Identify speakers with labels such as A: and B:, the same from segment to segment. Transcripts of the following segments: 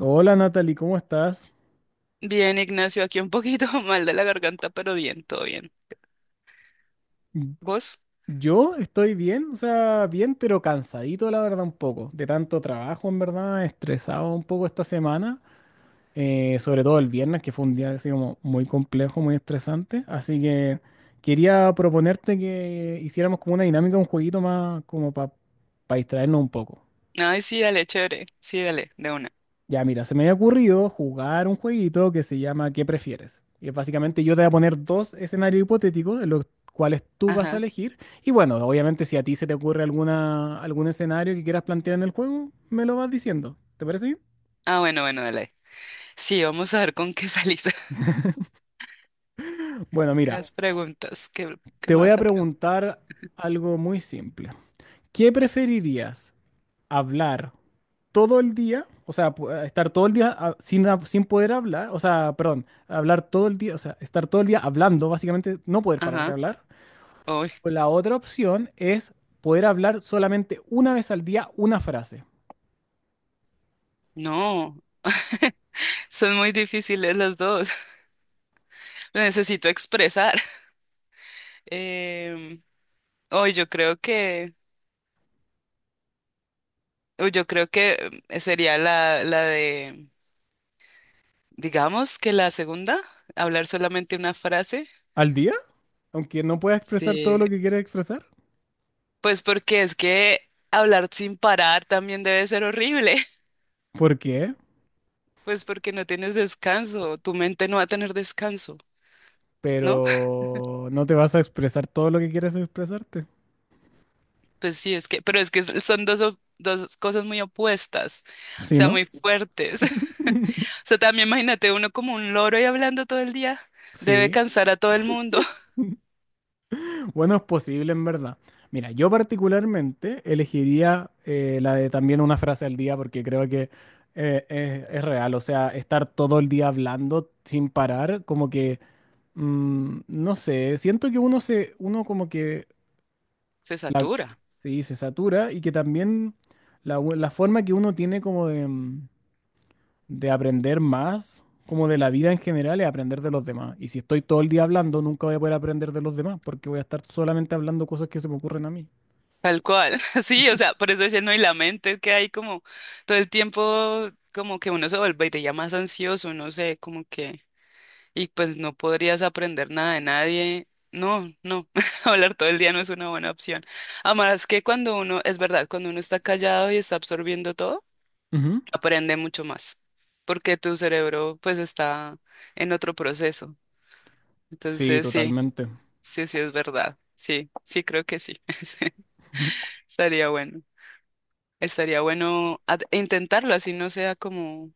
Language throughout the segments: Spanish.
A: Hola Natalie, ¿cómo estás?
B: Bien, Ignacio, aquí un poquito mal de la garganta, pero bien, todo bien.
A: Mm.
B: ¿Vos?
A: Yo estoy bien, o sea, bien, pero cansadito, la verdad, un poco. De tanto trabajo, en verdad, estresado un poco esta semana. Sobre todo el viernes, que fue un día así como muy complejo, muy estresante. Así que quería proponerte que hiciéramos como una dinámica, un jueguito más como para distraernos un poco.
B: Ay, sí, dale, chévere. Sí, dale, de una.
A: Ya, mira, se me había ocurrido jugar un jueguito que se llama ¿Qué prefieres? Y básicamente yo te voy a poner dos escenarios hipotéticos en los cuales tú vas a
B: Ajá.
A: elegir. Y bueno, obviamente si a ti se te ocurre alguna, algún escenario que quieras plantear en el juego, me lo vas diciendo. ¿Te parece bien?
B: Ah, bueno, bueno, dale. Sí, vamos a ver con qué salís.
A: Bueno,
B: ¿Qué
A: mira,
B: has preguntas? ¿Qué
A: te
B: me
A: voy a
B: vas a preguntar?
A: preguntar algo muy simple. ¿Qué preferirías? ¿Hablar todo el día? O sea, estar todo el día sin, sin poder hablar. O sea, perdón, hablar todo el día, o sea, estar todo el día hablando, básicamente no poder parar de
B: Ajá.
A: hablar.
B: Uy,
A: O la otra opción es poder hablar solamente una vez al día una frase.
B: no. Son muy difíciles las dos. Lo necesito expresar. Em, Hoy yo creo que, uy, yo creo que sería la de, digamos que la segunda, hablar solamente una frase.
A: ¿Al día? Aunque no puedas expresar todo
B: Sí,
A: lo que quieres expresar.
B: pues porque es que hablar sin parar también debe ser horrible,
A: ¿Por qué?
B: pues porque no tienes descanso, tu mente no va a tener descanso, ¿no?
A: Pero no te vas a expresar todo lo que quieres expresarte.
B: Pues sí, es que, pero es que son dos, dos cosas muy opuestas, o
A: ¿Sí,
B: sea,
A: no?
B: muy fuertes. O sea, también imagínate uno como un loro y hablando todo el día, debe
A: Sí.
B: cansar a todo el mundo.
A: Bueno, es posible en verdad. Mira, yo particularmente elegiría la de también una frase al día porque creo que es real. O sea, estar todo el día hablando sin parar, como que, no sé, siento que uno como que…
B: Se
A: La,
B: satura,
A: sí, se satura y que también la forma que uno tiene como de, de aprender más, como de la vida en general, es aprender de los demás. Y si estoy todo el día hablando, nunca voy a poder aprender de los demás porque voy a estar solamente hablando cosas que se me ocurren a mí.
B: tal cual. Sí, o sea, por eso decía, no, y la mente que hay como todo el tiempo, como que uno se vuelve y te ya más ansioso, no sé, como que... y pues no podrías aprender nada de nadie. No, no, hablar todo el día no es una buena opción. Además que cuando uno, es verdad, cuando uno está callado y está absorbiendo todo,
A: Ujú.
B: aprende mucho más, porque tu cerebro pues está en otro proceso.
A: Sí,
B: Entonces sí,
A: totalmente.
B: sí, sí es verdad. Sí, sí creo que sí. Sí, estaría bueno. Estaría bueno intentarlo, así no sea como,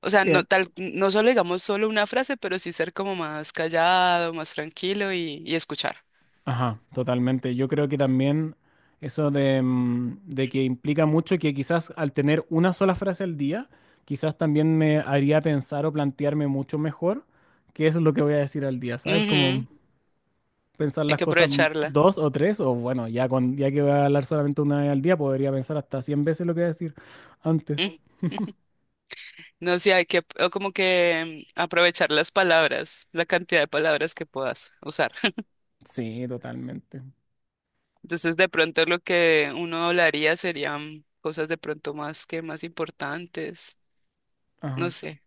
B: o sea,
A: Sí,
B: no tal, no solo digamos solo una frase, pero sí ser como más callado, más tranquilo y escuchar.
A: ajá, totalmente. Yo creo que también eso de, de que implica mucho que quizás al tener una sola frase al día, quizás también me haría pensar o plantearme mucho mejor qué es lo que voy a decir al día, ¿sabes? Como
B: Ujú.
A: pensar
B: Hay
A: las
B: que
A: cosas
B: aprovecharla.
A: dos o tres, o bueno, ya, con, ya que voy a hablar solamente una vez al día, podría pensar hasta cien veces lo que voy a decir antes.
B: Mm, no sé, hay que o como que aprovechar las palabras, la cantidad de palabras que puedas usar.
A: Sí, totalmente.
B: Entonces, de pronto lo que uno hablaría serían cosas de pronto más que más importantes. No
A: Ajá.
B: sé.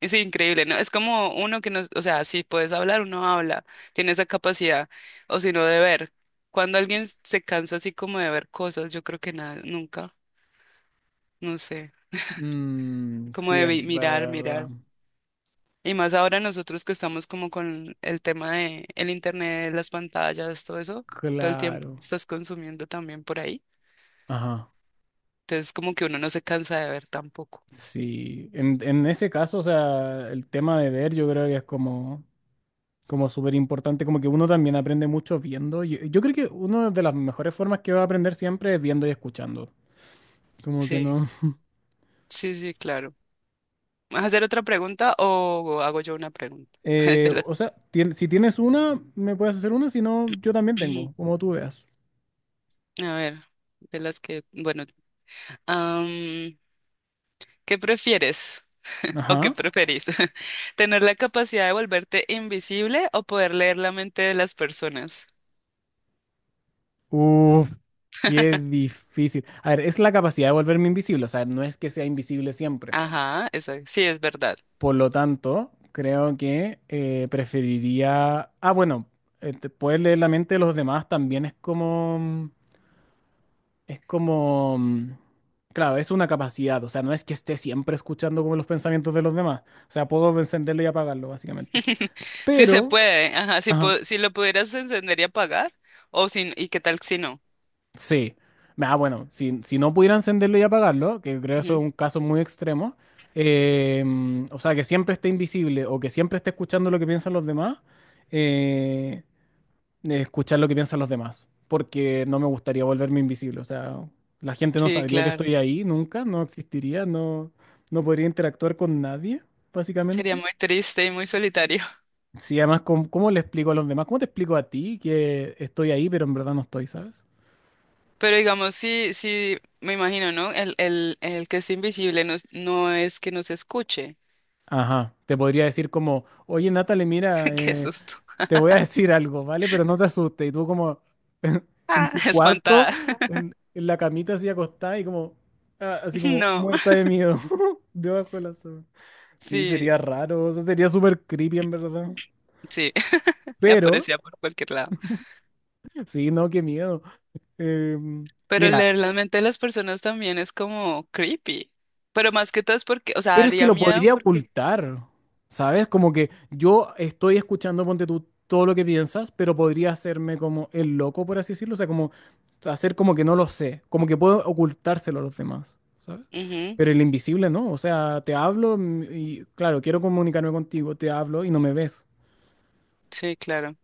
B: Es increíble, ¿no? Es como uno que no, o sea, si puedes hablar, uno habla, tiene esa capacidad, o si no, de ver. Cuando alguien se cansa así como de ver cosas, yo creo que nada, nunca, no sé,
A: Mm,
B: como
A: sí,
B: de
A: es
B: mirar,
A: verdad.
B: mirar. Y más ahora nosotros que estamos como con el tema de el internet, las pantallas, todo eso, todo el tiempo
A: Claro.
B: estás consumiendo también por ahí.
A: Ajá.
B: Entonces como que uno no se cansa de ver tampoco.
A: Sí, en ese caso, o sea, el tema de ver yo creo que es como, como súper importante, como que uno también aprende mucho viendo. Yo creo que una de las mejores formas que va a aprender siempre es viendo y escuchando. Como que
B: Sí,
A: no.
B: sí, sí, claro. ¿Vas a hacer otra pregunta o hago yo una pregunta? De las,
A: O sea, tien- si tienes una, me puedes hacer una, si no, yo también tengo, como tú veas.
B: a ver, de las que, bueno, am, ¿qué prefieres o qué
A: Ajá.
B: preferís? ¿Tener la capacidad de volverte invisible o poder leer la mente de las personas?
A: Uf, qué difícil. A ver, es la capacidad de volverme invisible, o sea, no es que sea invisible siempre.
B: Ajá, esa, sí, es verdad.
A: Por lo tanto, creo que preferiría. Ah, bueno, poder leer la mente de los demás también es como… Es como… Claro, es una capacidad. O sea, no es que esté siempre escuchando como los pensamientos de los demás. O sea, puedo encenderlo y apagarlo, básicamente.
B: Sí se
A: Pero…
B: puede, ajá, si,
A: Ajá.
B: si lo pudieras encender y apagar, o si, y qué tal si no.
A: Sí. Ah, bueno, si, si no pudiera encenderlo y apagarlo, que creo eso es
B: Ujú.
A: un caso muy extremo. O sea, que siempre esté invisible o que siempre esté escuchando lo que piensan los demás. eh, de escuchar lo que piensan los demás, porque no me gustaría volverme invisible. O sea, la gente no
B: Sí,
A: sabría que
B: claro.
A: estoy ahí nunca, no existiría, no, no podría interactuar con nadie,
B: Sería
A: básicamente.
B: muy triste y muy solitario.
A: Sí, además, ¿cómo, cómo le explico a los demás? ¿Cómo te explico a ti que estoy ahí, pero en verdad no estoy, ¿sabes?
B: Pero digamos, sí, sí, me imagino, ¿no? El que es invisible no, no es que nos escuche.
A: Ajá, te podría decir como, oye, Natalie, mira,
B: Qué susto.
A: te voy a decir algo, ¿vale? Pero no te asustes. Y tú como en,
B: Ah,
A: tu cuarto,
B: espantada.
A: en la camita así acostada y como, ah, así como
B: No.
A: muerta de miedo, debajo de la sábana. Sí,
B: Sí,
A: sería raro, o sea, sería súper creepy en verdad.
B: sí,
A: Pero,
B: aparecía por cualquier lado.
A: sí, no, qué miedo. Em,
B: Pero
A: Mira,
B: leer la mente de las personas también es como creepy. Pero más que todo es porque, o sea,
A: pero es que
B: haría
A: lo
B: miedo
A: podría
B: porque...
A: ocultar, ¿sabes? Como que yo estoy escuchando, ponte tú, todo lo que piensas, pero podría hacerme como el loco, por así decirlo, o sea, como hacer como que no lo sé, como que puedo ocultárselo a los demás, ¿sabes?
B: Ujú.
A: Pero el invisible no, o sea, te hablo y, claro, quiero comunicarme contigo, te hablo y no me ves.
B: Sí, claro.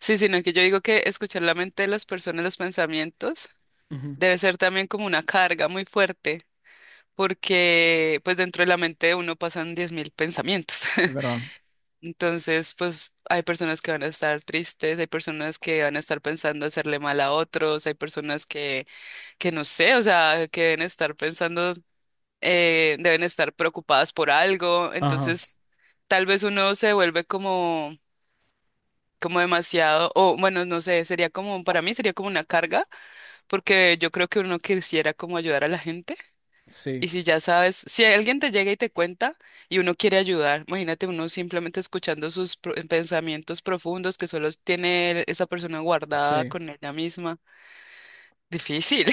B: Sí, sino que yo digo que escuchar la mente de las personas, los pensamientos,
A: Ujú,
B: debe ser también como una carga muy fuerte, porque pues dentro de la mente de uno pasan 10.000 pensamientos.
A: es verdad.
B: Entonces, pues hay personas que van a estar tristes, hay personas que van a estar pensando hacerle mal a otros, hay personas que no sé, o sea, que deben estar pensando, deben estar preocupadas por algo.
A: Ajá,
B: Entonces, tal vez uno se vuelve como como demasiado, o bueno, no sé, sería como, para mí sería como una carga, porque yo creo que uno quisiera como ayudar a la gente.
A: sí,
B: Y si ya sabes, si alguien te llega y te cuenta y uno quiere ayudar, imagínate uno simplemente escuchando sus pensamientos profundos que solo tiene esa persona guardada
A: sí.
B: con ella misma. Difícil,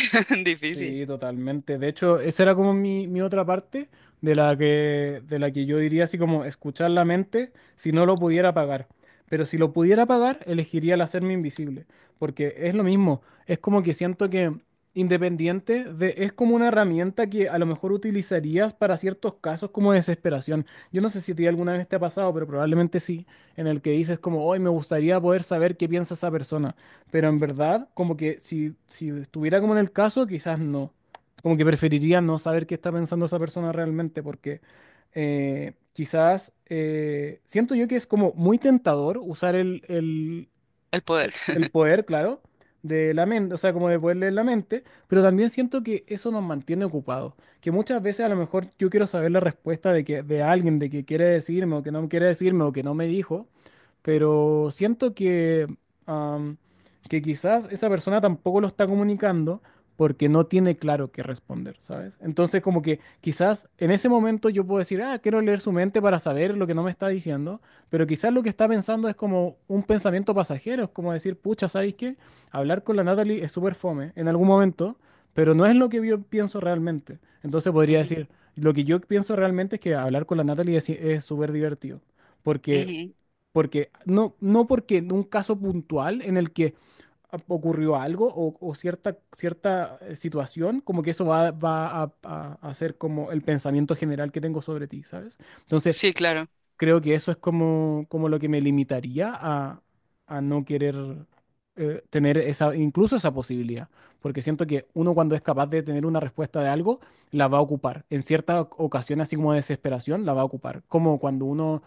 B: difícil.
A: Sí, totalmente. De hecho, esa era como mi otra parte de la que yo diría así como escuchar la mente si no lo pudiera pagar. Pero si lo pudiera pagar, elegiría el hacerme invisible. Porque es lo mismo. Es como que siento que independiente de, es como una herramienta que a lo mejor utilizarías para ciertos casos como desesperación. Yo no sé si a ti alguna vez te ha pasado, pero probablemente sí, en el que dices como, hoy me gustaría poder saber qué piensa esa persona, pero en verdad, como que si, si estuviera como en el caso, quizás no. Como que preferiría no saber qué está pensando esa persona realmente, porque quizás siento yo que es como muy tentador usar
B: El poder.
A: el poder, claro, de la mente, o sea, como de poder leer la mente, pero también siento que eso nos mantiene ocupados, que muchas veces a lo mejor yo quiero saber la respuesta de que de alguien de que quiere decirme o que no quiere decirme o que no me dijo, pero siento que am, que quizás esa persona tampoco lo está comunicando porque no tiene claro qué responder, ¿sabes? Entonces como que quizás en ese momento yo puedo decir, ah, quiero leer su mente para saber lo que no me está diciendo, pero quizás lo que está pensando es como un pensamiento pasajero, es como decir, pucha, ¿sabéis qué? Hablar con la Natalie es súper fome en algún momento, pero no es lo que yo pienso realmente. Entonces podría
B: Ujú,
A: decir, lo que yo pienso realmente es que hablar con la Natalie es súper divertido, porque,
B: ujú.
A: porque no, no porque en un caso puntual en el que ocurrió algo o cierta, cierta situación, como que eso a ser como el pensamiento general que tengo sobre ti, ¿sabes? Entonces,
B: Sí, claro.
A: creo que eso es como, como lo que me limitaría a no querer tener esa, incluso esa posibilidad, porque siento que uno cuando es capaz de tener una respuesta de algo, la va a ocupar. En cierta ocasión, así como de desesperación, la va a ocupar. Como cuando uno,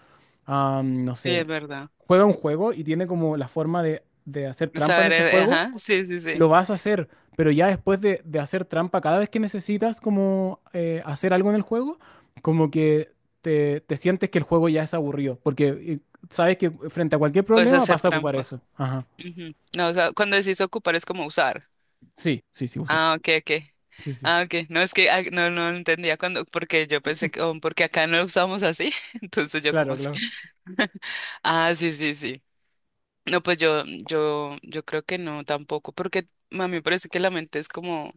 A: ah, no
B: Sí, es
A: sé,
B: verdad.
A: juega un juego y tiene como la forma de hacer
B: De
A: trampa en
B: saber,
A: ese juego,
B: ajá, sí, sí, sí.
A: lo vas a hacer, pero ya después de hacer trampa cada vez que necesitas como hacer algo en el juego, como que te sientes que el juego ya es aburrido, porque sabes que frente a cualquier
B: O es
A: problema
B: hacer
A: vas a ocupar
B: trampa.
A: eso. Ajá.
B: Ujú. No, o sea, cuando decís ocupar es como usar.
A: Sí, sí, sí, usar.
B: Ah, ok, ok.
A: Sí, sí.
B: Ah, ok. No, es que ah, no, no entendía cuando, porque yo pensé que, oh, porque acá no lo usamos así. Entonces yo como
A: Claro,
B: así.
A: claro.
B: Ah, sí, sí, sí. No, pues yo creo que no tampoco, porque a mí me parece que la mente es como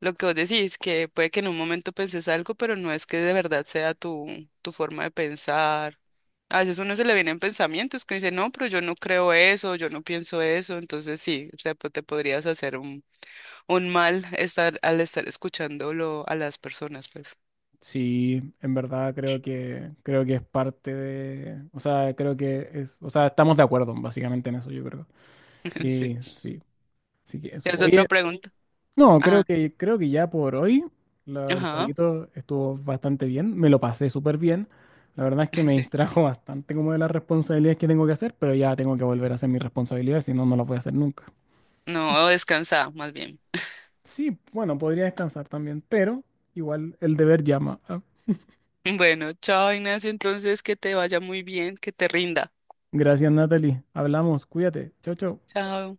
B: lo que vos decís, que puede que en un momento penses algo, pero no es que de verdad sea tu, tu forma de pensar. A veces uno se le vienen pensamientos que dice, no, pero yo no creo eso, yo no pienso eso, entonces sí, o sea, pues te podrías hacer un mal estar al estar escuchándolo a las personas, pues.
A: Sí, en verdad creo que es parte de, o sea, creo que es, o sea, estamos de acuerdo básicamente en eso, yo creo.
B: Sí.
A: Y sí, sí que eso.
B: ¿Tienes
A: Oye,
B: otra pregunta?
A: no,
B: Ah,
A: creo que ya por hoy el
B: ajá.
A: jueguito estuvo bastante bien, me lo pasé súper bien. La verdad es que me
B: Sí.
A: distrajo bastante como de las responsabilidades que tengo que hacer, pero ya tengo que volver a hacer mis responsabilidades, si no, no las voy a hacer nunca.
B: No, descansa, más bien.
A: Sí, bueno, podría descansar también, pero igual el deber llama. Ah,
B: Bueno, chao, Ignacio, entonces que te vaya muy bien, que te rinda.
A: gracias, Natalie. Hablamos, cuídate. Chau, chau.
B: Chao.